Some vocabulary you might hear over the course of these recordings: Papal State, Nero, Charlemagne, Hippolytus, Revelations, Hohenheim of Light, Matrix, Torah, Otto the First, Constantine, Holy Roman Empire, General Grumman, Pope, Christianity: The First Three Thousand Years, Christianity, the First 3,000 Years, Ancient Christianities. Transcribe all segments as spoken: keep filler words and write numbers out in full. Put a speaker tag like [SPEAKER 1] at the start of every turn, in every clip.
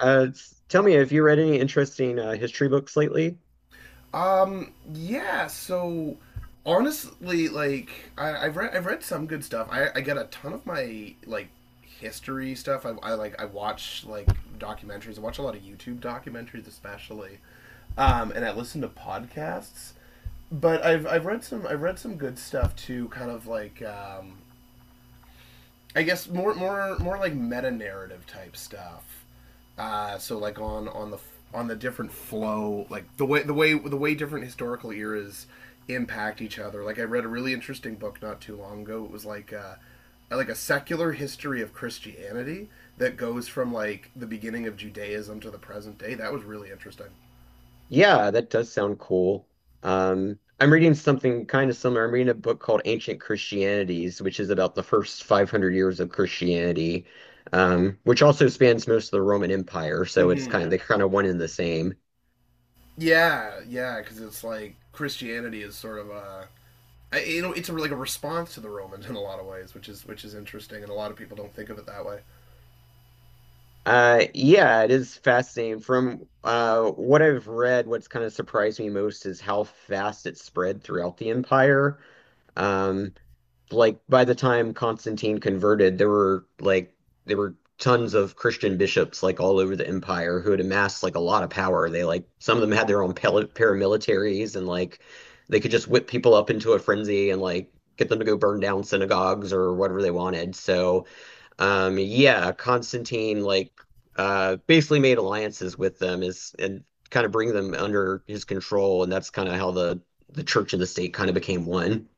[SPEAKER 1] Uh, s- tell me, have you read any interesting uh, history books lately?
[SPEAKER 2] Um, yeah. So honestly, like I, I've read I've read some good stuff. I, I get a ton of my, like, history stuff. I, I like I watch, like, documentaries. I watch a lot of YouTube documentaries, especially, um, and I listen to podcasts. But I've I've read some I've read some good stuff too. Kind of like, um, I guess, more more more like meta narrative type stuff. Uh, so, like, on on the on the different flow, like the way the way the way different historical eras impact each other. Like I read a really interesting book not too long ago. It was like uh, like a secular history of Christianity that goes from, like, the beginning of Judaism to the present day. That was really interesting.
[SPEAKER 1] Yeah, that does sound cool. Um, I'm reading something kind of similar. I'm reading a book called Ancient Christianities, which is about the first five hundred years of Christianity, um, which also spans most of the Roman Empire. So it's
[SPEAKER 2] Mm-hmm.
[SPEAKER 1] kind of they kind of one and the same.
[SPEAKER 2] Yeah, yeah, because it's like Christianity is sort of a, I, you know, it's a, like, a response to the Romans in a lot of ways, which is which is interesting, and a lot of people don't think of it that way.
[SPEAKER 1] Uh, yeah, it is fascinating. From uh, what I've read, what's kind of surprised me most is how fast it spread throughout the empire. Um, like by the time Constantine converted, there were like there were tons of Christian bishops like all over the empire who had amassed like a lot of power. They like some of them had their own pal- paramilitaries and like they could just whip people up into a frenzy and like get them to go burn down synagogues or whatever they wanted. So um, yeah, Constantine like uh basically made alliances with them is and kind of bring them under his control, and that's kind of how the the church and the state kind of became one.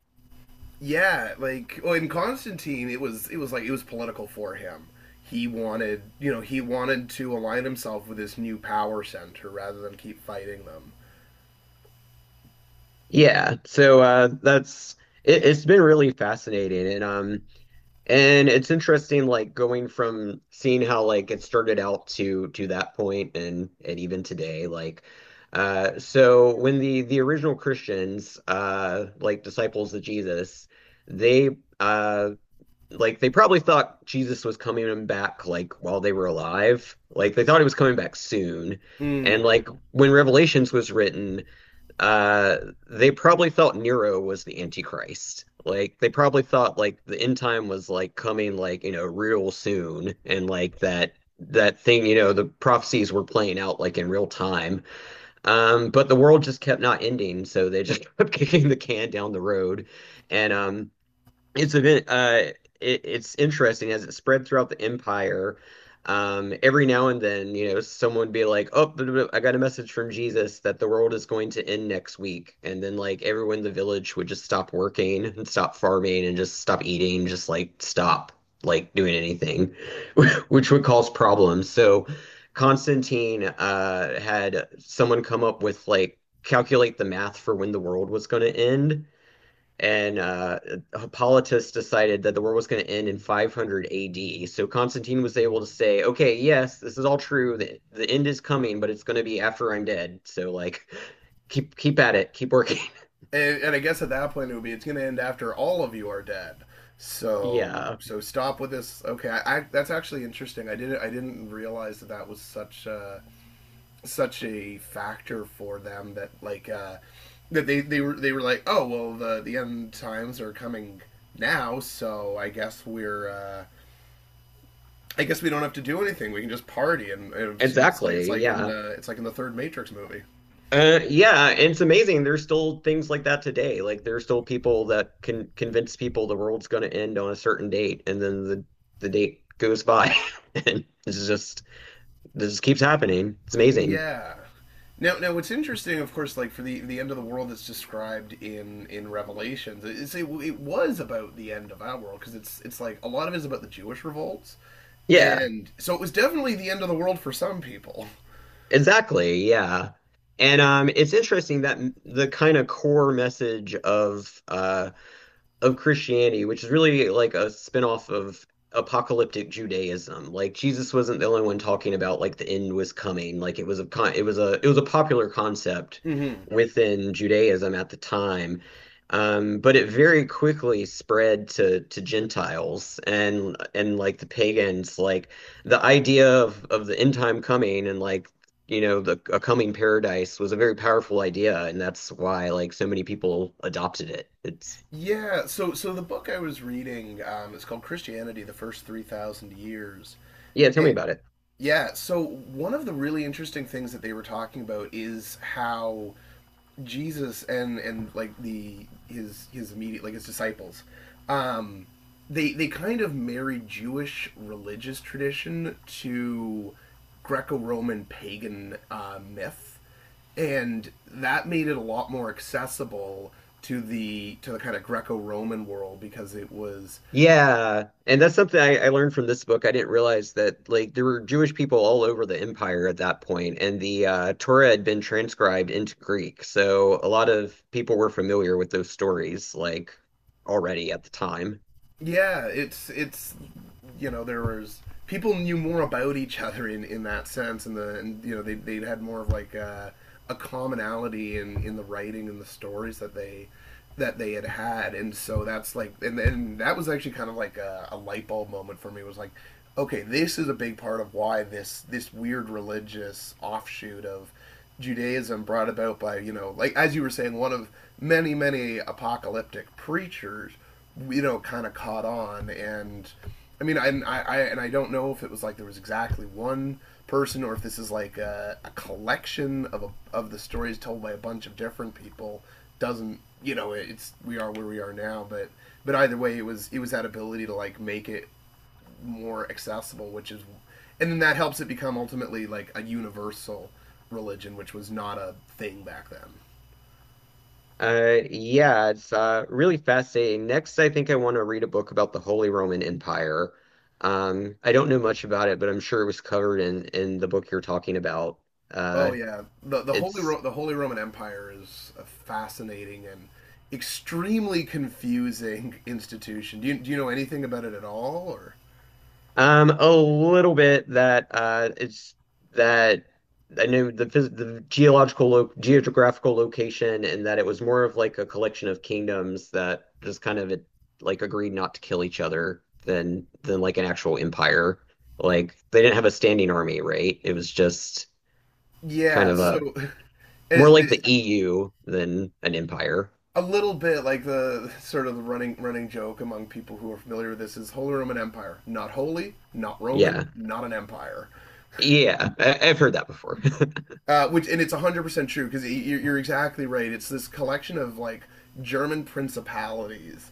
[SPEAKER 2] Yeah, like, well, in Constantine, it was it was like it was political for him. He wanted, you know, he wanted to align himself with this new power center rather than keep fighting them.
[SPEAKER 1] Yeah, so uh that's it, it's been really fascinating, and um and it's interesting, like going from seeing how like it started out to to that point and and even today, like uh so when the the original Christians, uh like disciples of Jesus, they uh like they probably thought Jesus was coming back like while they were alive. Like they thought he was coming back soon. And
[SPEAKER 2] Mm.
[SPEAKER 1] like when Revelations was written, uh they probably thought Nero was the Antichrist. Like they probably thought like the end time was like coming like you know real soon and like that that thing you know the prophecies were playing out like in real time. Um but the world just kept not ending so they just kept kicking the can down the road and um it's a bit uh it, it's interesting as it spread throughout the empire. Um, every now and then, you know, someone would be like, "Oh, blah, blah, blah, I got a message from Jesus that the world is going to end next week," and then like everyone in the village would just stop working and stop farming and just stop eating, just like stop like doing anything, which would cause problems. So Constantine uh had someone come up with like calculate the math for when the world was going to end and uh, Hippolytus decided that the world was going to end in five hundred A D. So Constantine was able to say, "Okay, yes, this is all true. The, the end is coming, but it's going to be after I'm dead. So like, keep keep at it, keep working."
[SPEAKER 2] And, and I guess at that point it would be it's going to end after all of you are dead. So
[SPEAKER 1] Yeah,
[SPEAKER 2] so stop with this. Okay, I, I, that's actually interesting. I didn't I didn't realize that that was such. a such a factor for them, that, like, uh, that they they were they were like, oh well, the the end times are coming now, so I guess we're. Uh, I guess we don't have to do anything. We can just party, and it's, you know, it's like it's
[SPEAKER 1] exactly.
[SPEAKER 2] like in
[SPEAKER 1] Yeah.
[SPEAKER 2] the it's like in the third Matrix movie.
[SPEAKER 1] Uh, yeah, and it's amazing. There's still things like that today. Like there's still people that can convince people the world's going to end on a certain date, and then the the date goes by, and it's just this just keeps happening. It's amazing.
[SPEAKER 2] Yeah. Now, now, what's interesting, of course, like, for the the end of the world that's described in in Revelations, it's it, it was about the end of our world, because it's it's like a lot of it is about the Jewish revolts,
[SPEAKER 1] Yeah.
[SPEAKER 2] and so it was definitely the end of the world for some people.
[SPEAKER 1] Exactly, yeah. And um, it's interesting that m- the kind of core message of uh, of Christianity, which is really like a spinoff of apocalyptic Judaism. Like Jesus wasn't the only one talking about like the end was coming. Like it was a con it was a it was a popular concept
[SPEAKER 2] Mm-hmm.
[SPEAKER 1] within Judaism at the time. Um, but it very quickly spread to to Gentiles and and like the pagans, like the idea of of the end time coming and like you know the a coming paradise was a very powerful idea, and that's why like so many people adopted it. It's
[SPEAKER 2] Yeah. So so the book I was reading, um, it's called Christianity: The First Three Thousand Years.
[SPEAKER 1] yeah, tell me
[SPEAKER 2] And
[SPEAKER 1] about it.
[SPEAKER 2] yeah. So one of the really interesting things that they were talking about is how Jesus and and like, the his his immediate, like, his disciples, um, they they kind of married Jewish religious tradition to Greco-Roman pagan, uh, myth, and that made it a lot more accessible to the to the kind of Greco-Roman world, because it was.
[SPEAKER 1] Yeah, and that's something I, I learned from this book. I didn't realize that like there were Jewish people all over the empire at that point, and the uh, Torah had been transcribed into Greek, so a lot of people were familiar with those stories like already at the time.
[SPEAKER 2] Yeah, it's it's you know there was, people knew more about each other in in that sense, and the and you know they they had more of, like, a, a commonality in in the writing and the stories that they that they had had, and so that's like. And then that was actually kind of like a, a light bulb moment for me. It was like, okay, this is a big part of why this this weird religious offshoot of Judaism, brought about by, you know like, as you were saying, one of many many apocalyptic preachers, you know, kind of caught on. And I mean, I, I, and I don't know if it was like there was exactly one person, or if this is like a, a collection of a, of the stories told by a bunch of different people. Doesn't, you know? It's, we are where we are now, but but either way, it was it was that ability to, like, make it more accessible, which is, and then that helps it become ultimately like a universal religion, which was not a thing back then.
[SPEAKER 1] Uh, yeah, it's uh, really fascinating. Next, I think I want to read a book about the Holy Roman Empire. Um, I don't know much about it, but I'm sure it was covered in in the book you're talking about.
[SPEAKER 2] Oh
[SPEAKER 1] Uh,
[SPEAKER 2] yeah, the the Holy
[SPEAKER 1] it's
[SPEAKER 2] Ro- the Holy Roman Empire is a fascinating and extremely confusing institution. Do you do you know anything about it at all, or?
[SPEAKER 1] Um, a little bit that uh, it's that I knew the phys the geological lo geographical location and that it was more of like a collection of kingdoms that just kind of like agreed not to kill each other than than like an actual empire. Like they didn't have a standing army, right? It was just kind
[SPEAKER 2] Yeah,
[SPEAKER 1] of
[SPEAKER 2] so
[SPEAKER 1] a
[SPEAKER 2] it,
[SPEAKER 1] more like
[SPEAKER 2] it-
[SPEAKER 1] the E U than an empire.
[SPEAKER 2] a little bit like, the sort of the running running joke among people who are familiar with this is: Holy Roman Empire, not holy, not Roman,
[SPEAKER 1] Yeah,
[SPEAKER 2] not an empire.
[SPEAKER 1] yeah, I I've heard that before.
[SPEAKER 2] Uh, which, and it's one hundred percent true, because you're exactly right. It's this collection of, like, German principalities,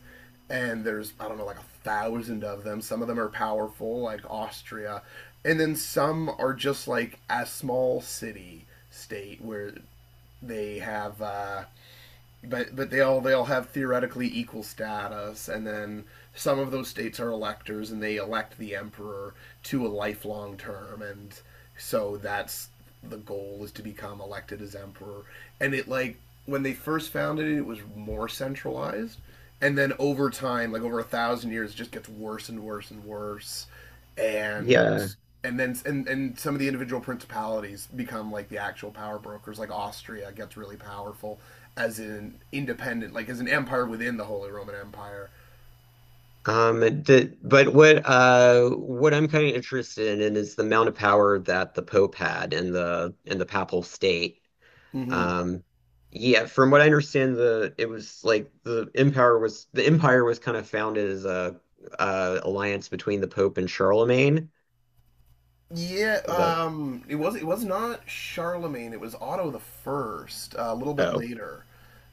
[SPEAKER 2] and there's, I don't know, like a thousand of them. Some of them are powerful, like Austria, and then some are just like a small city state where they have uh, but but they all they all have theoretically equal status, and then some of those states are electors, and they elect the emperor to a lifelong term, and so that's, the goal is to become elected as emperor. And it, like, when they first founded it, it was more centralized, and then over time, like over a thousand years, it just gets worse and worse and worse, and
[SPEAKER 1] Yeah.
[SPEAKER 2] and then and and some of the individual principalities become, like, the actual power brokers, like Austria gets really powerful as an independent, like as an empire within the Holy Roman Empire.
[SPEAKER 1] Um, the, but what uh, what I'm kind of interested in is the amount of power that the Pope had in the in the Papal State.
[SPEAKER 2] Mm-hmm.
[SPEAKER 1] Um, yeah, from what I understand, the it was like the empire was the empire was kind of founded as a uh, alliance between the Pope and Charlemagne.
[SPEAKER 2] Yeah,
[SPEAKER 1] Is that
[SPEAKER 2] um, it was it was not Charlemagne. It was Otto the First. Uh, a little bit
[SPEAKER 1] oh
[SPEAKER 2] later,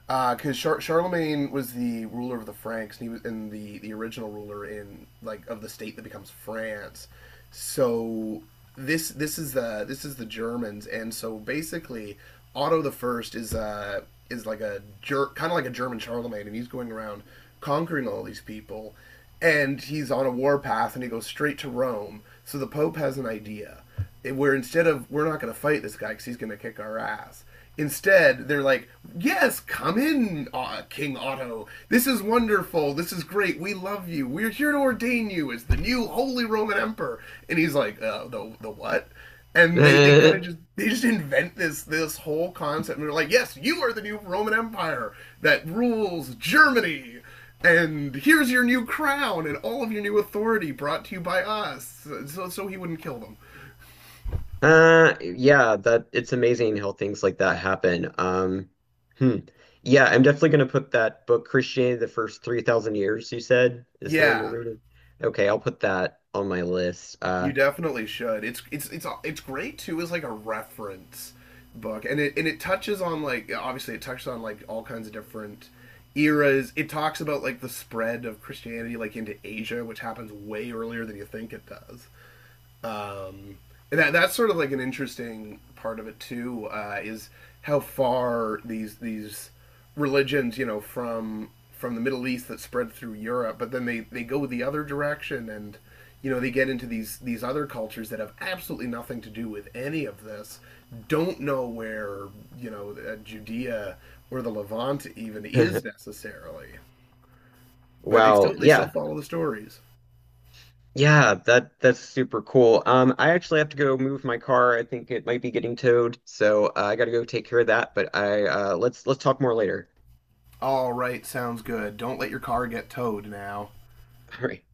[SPEAKER 2] because Char- Charlemagne was the ruler of the Franks, and he was in the the original ruler in, like, of the state that becomes France. So this this is the this is the Germans, and so basically Otto the First is uh is like a jerk, kind of like a German Charlemagne, and he's going around conquering all these people, and he's on a war path, and he goes straight to Rome. So the Pope has an idea, eh, where, instead of, we're not going to fight this guy because he's going to kick our ass. Instead, they're like, "Yes, come in, uh, King Otto. This is wonderful. This is great. We love you. We're here to ordain you as the new Holy Roman Emperor." And he's like, uh, "The the what?" And they, they kind of just they just invent this this whole concept, and they're like, "Yes, you are the new Roman Empire that rules Germany." And here's your new crown and all of your new authority, brought to you by us, so, so he wouldn't kill them.
[SPEAKER 1] Uh, yeah, that it's amazing how things like that happen. Um, hmm. Yeah, I'm definitely gonna put that book, Christianity, the First three thousand Years, you said, is the one you're
[SPEAKER 2] Yeah,
[SPEAKER 1] reading. Okay, I'll put that on my list. Uh,
[SPEAKER 2] you definitely should. It's it's it's it's great too, as like a reference book, and it and it touches on, like, obviously it touches on, like, all kinds of different eras. It talks about, like, the spread of Christianity, like into Asia, which happens way earlier than you think it does. Um, and that that's sort of like an interesting part of it too, uh, is how far these these religions, you know from from the Middle East, that spread through Europe, but then they they go the other direction, and, you know they get into these these other cultures that have absolutely nothing to do with any of this, don't know where, you know uh, Judea or the Levant even is necessarily, but they
[SPEAKER 1] wow,
[SPEAKER 2] still they still
[SPEAKER 1] yeah.
[SPEAKER 2] follow the stories.
[SPEAKER 1] Yeah, that that's super cool. Um, I actually have to go move my car. I think it might be getting towed, so uh, I gotta go take care of that. But I uh, let's let's talk more later.
[SPEAKER 2] All right, sounds good. Don't let your car get towed now.
[SPEAKER 1] All right.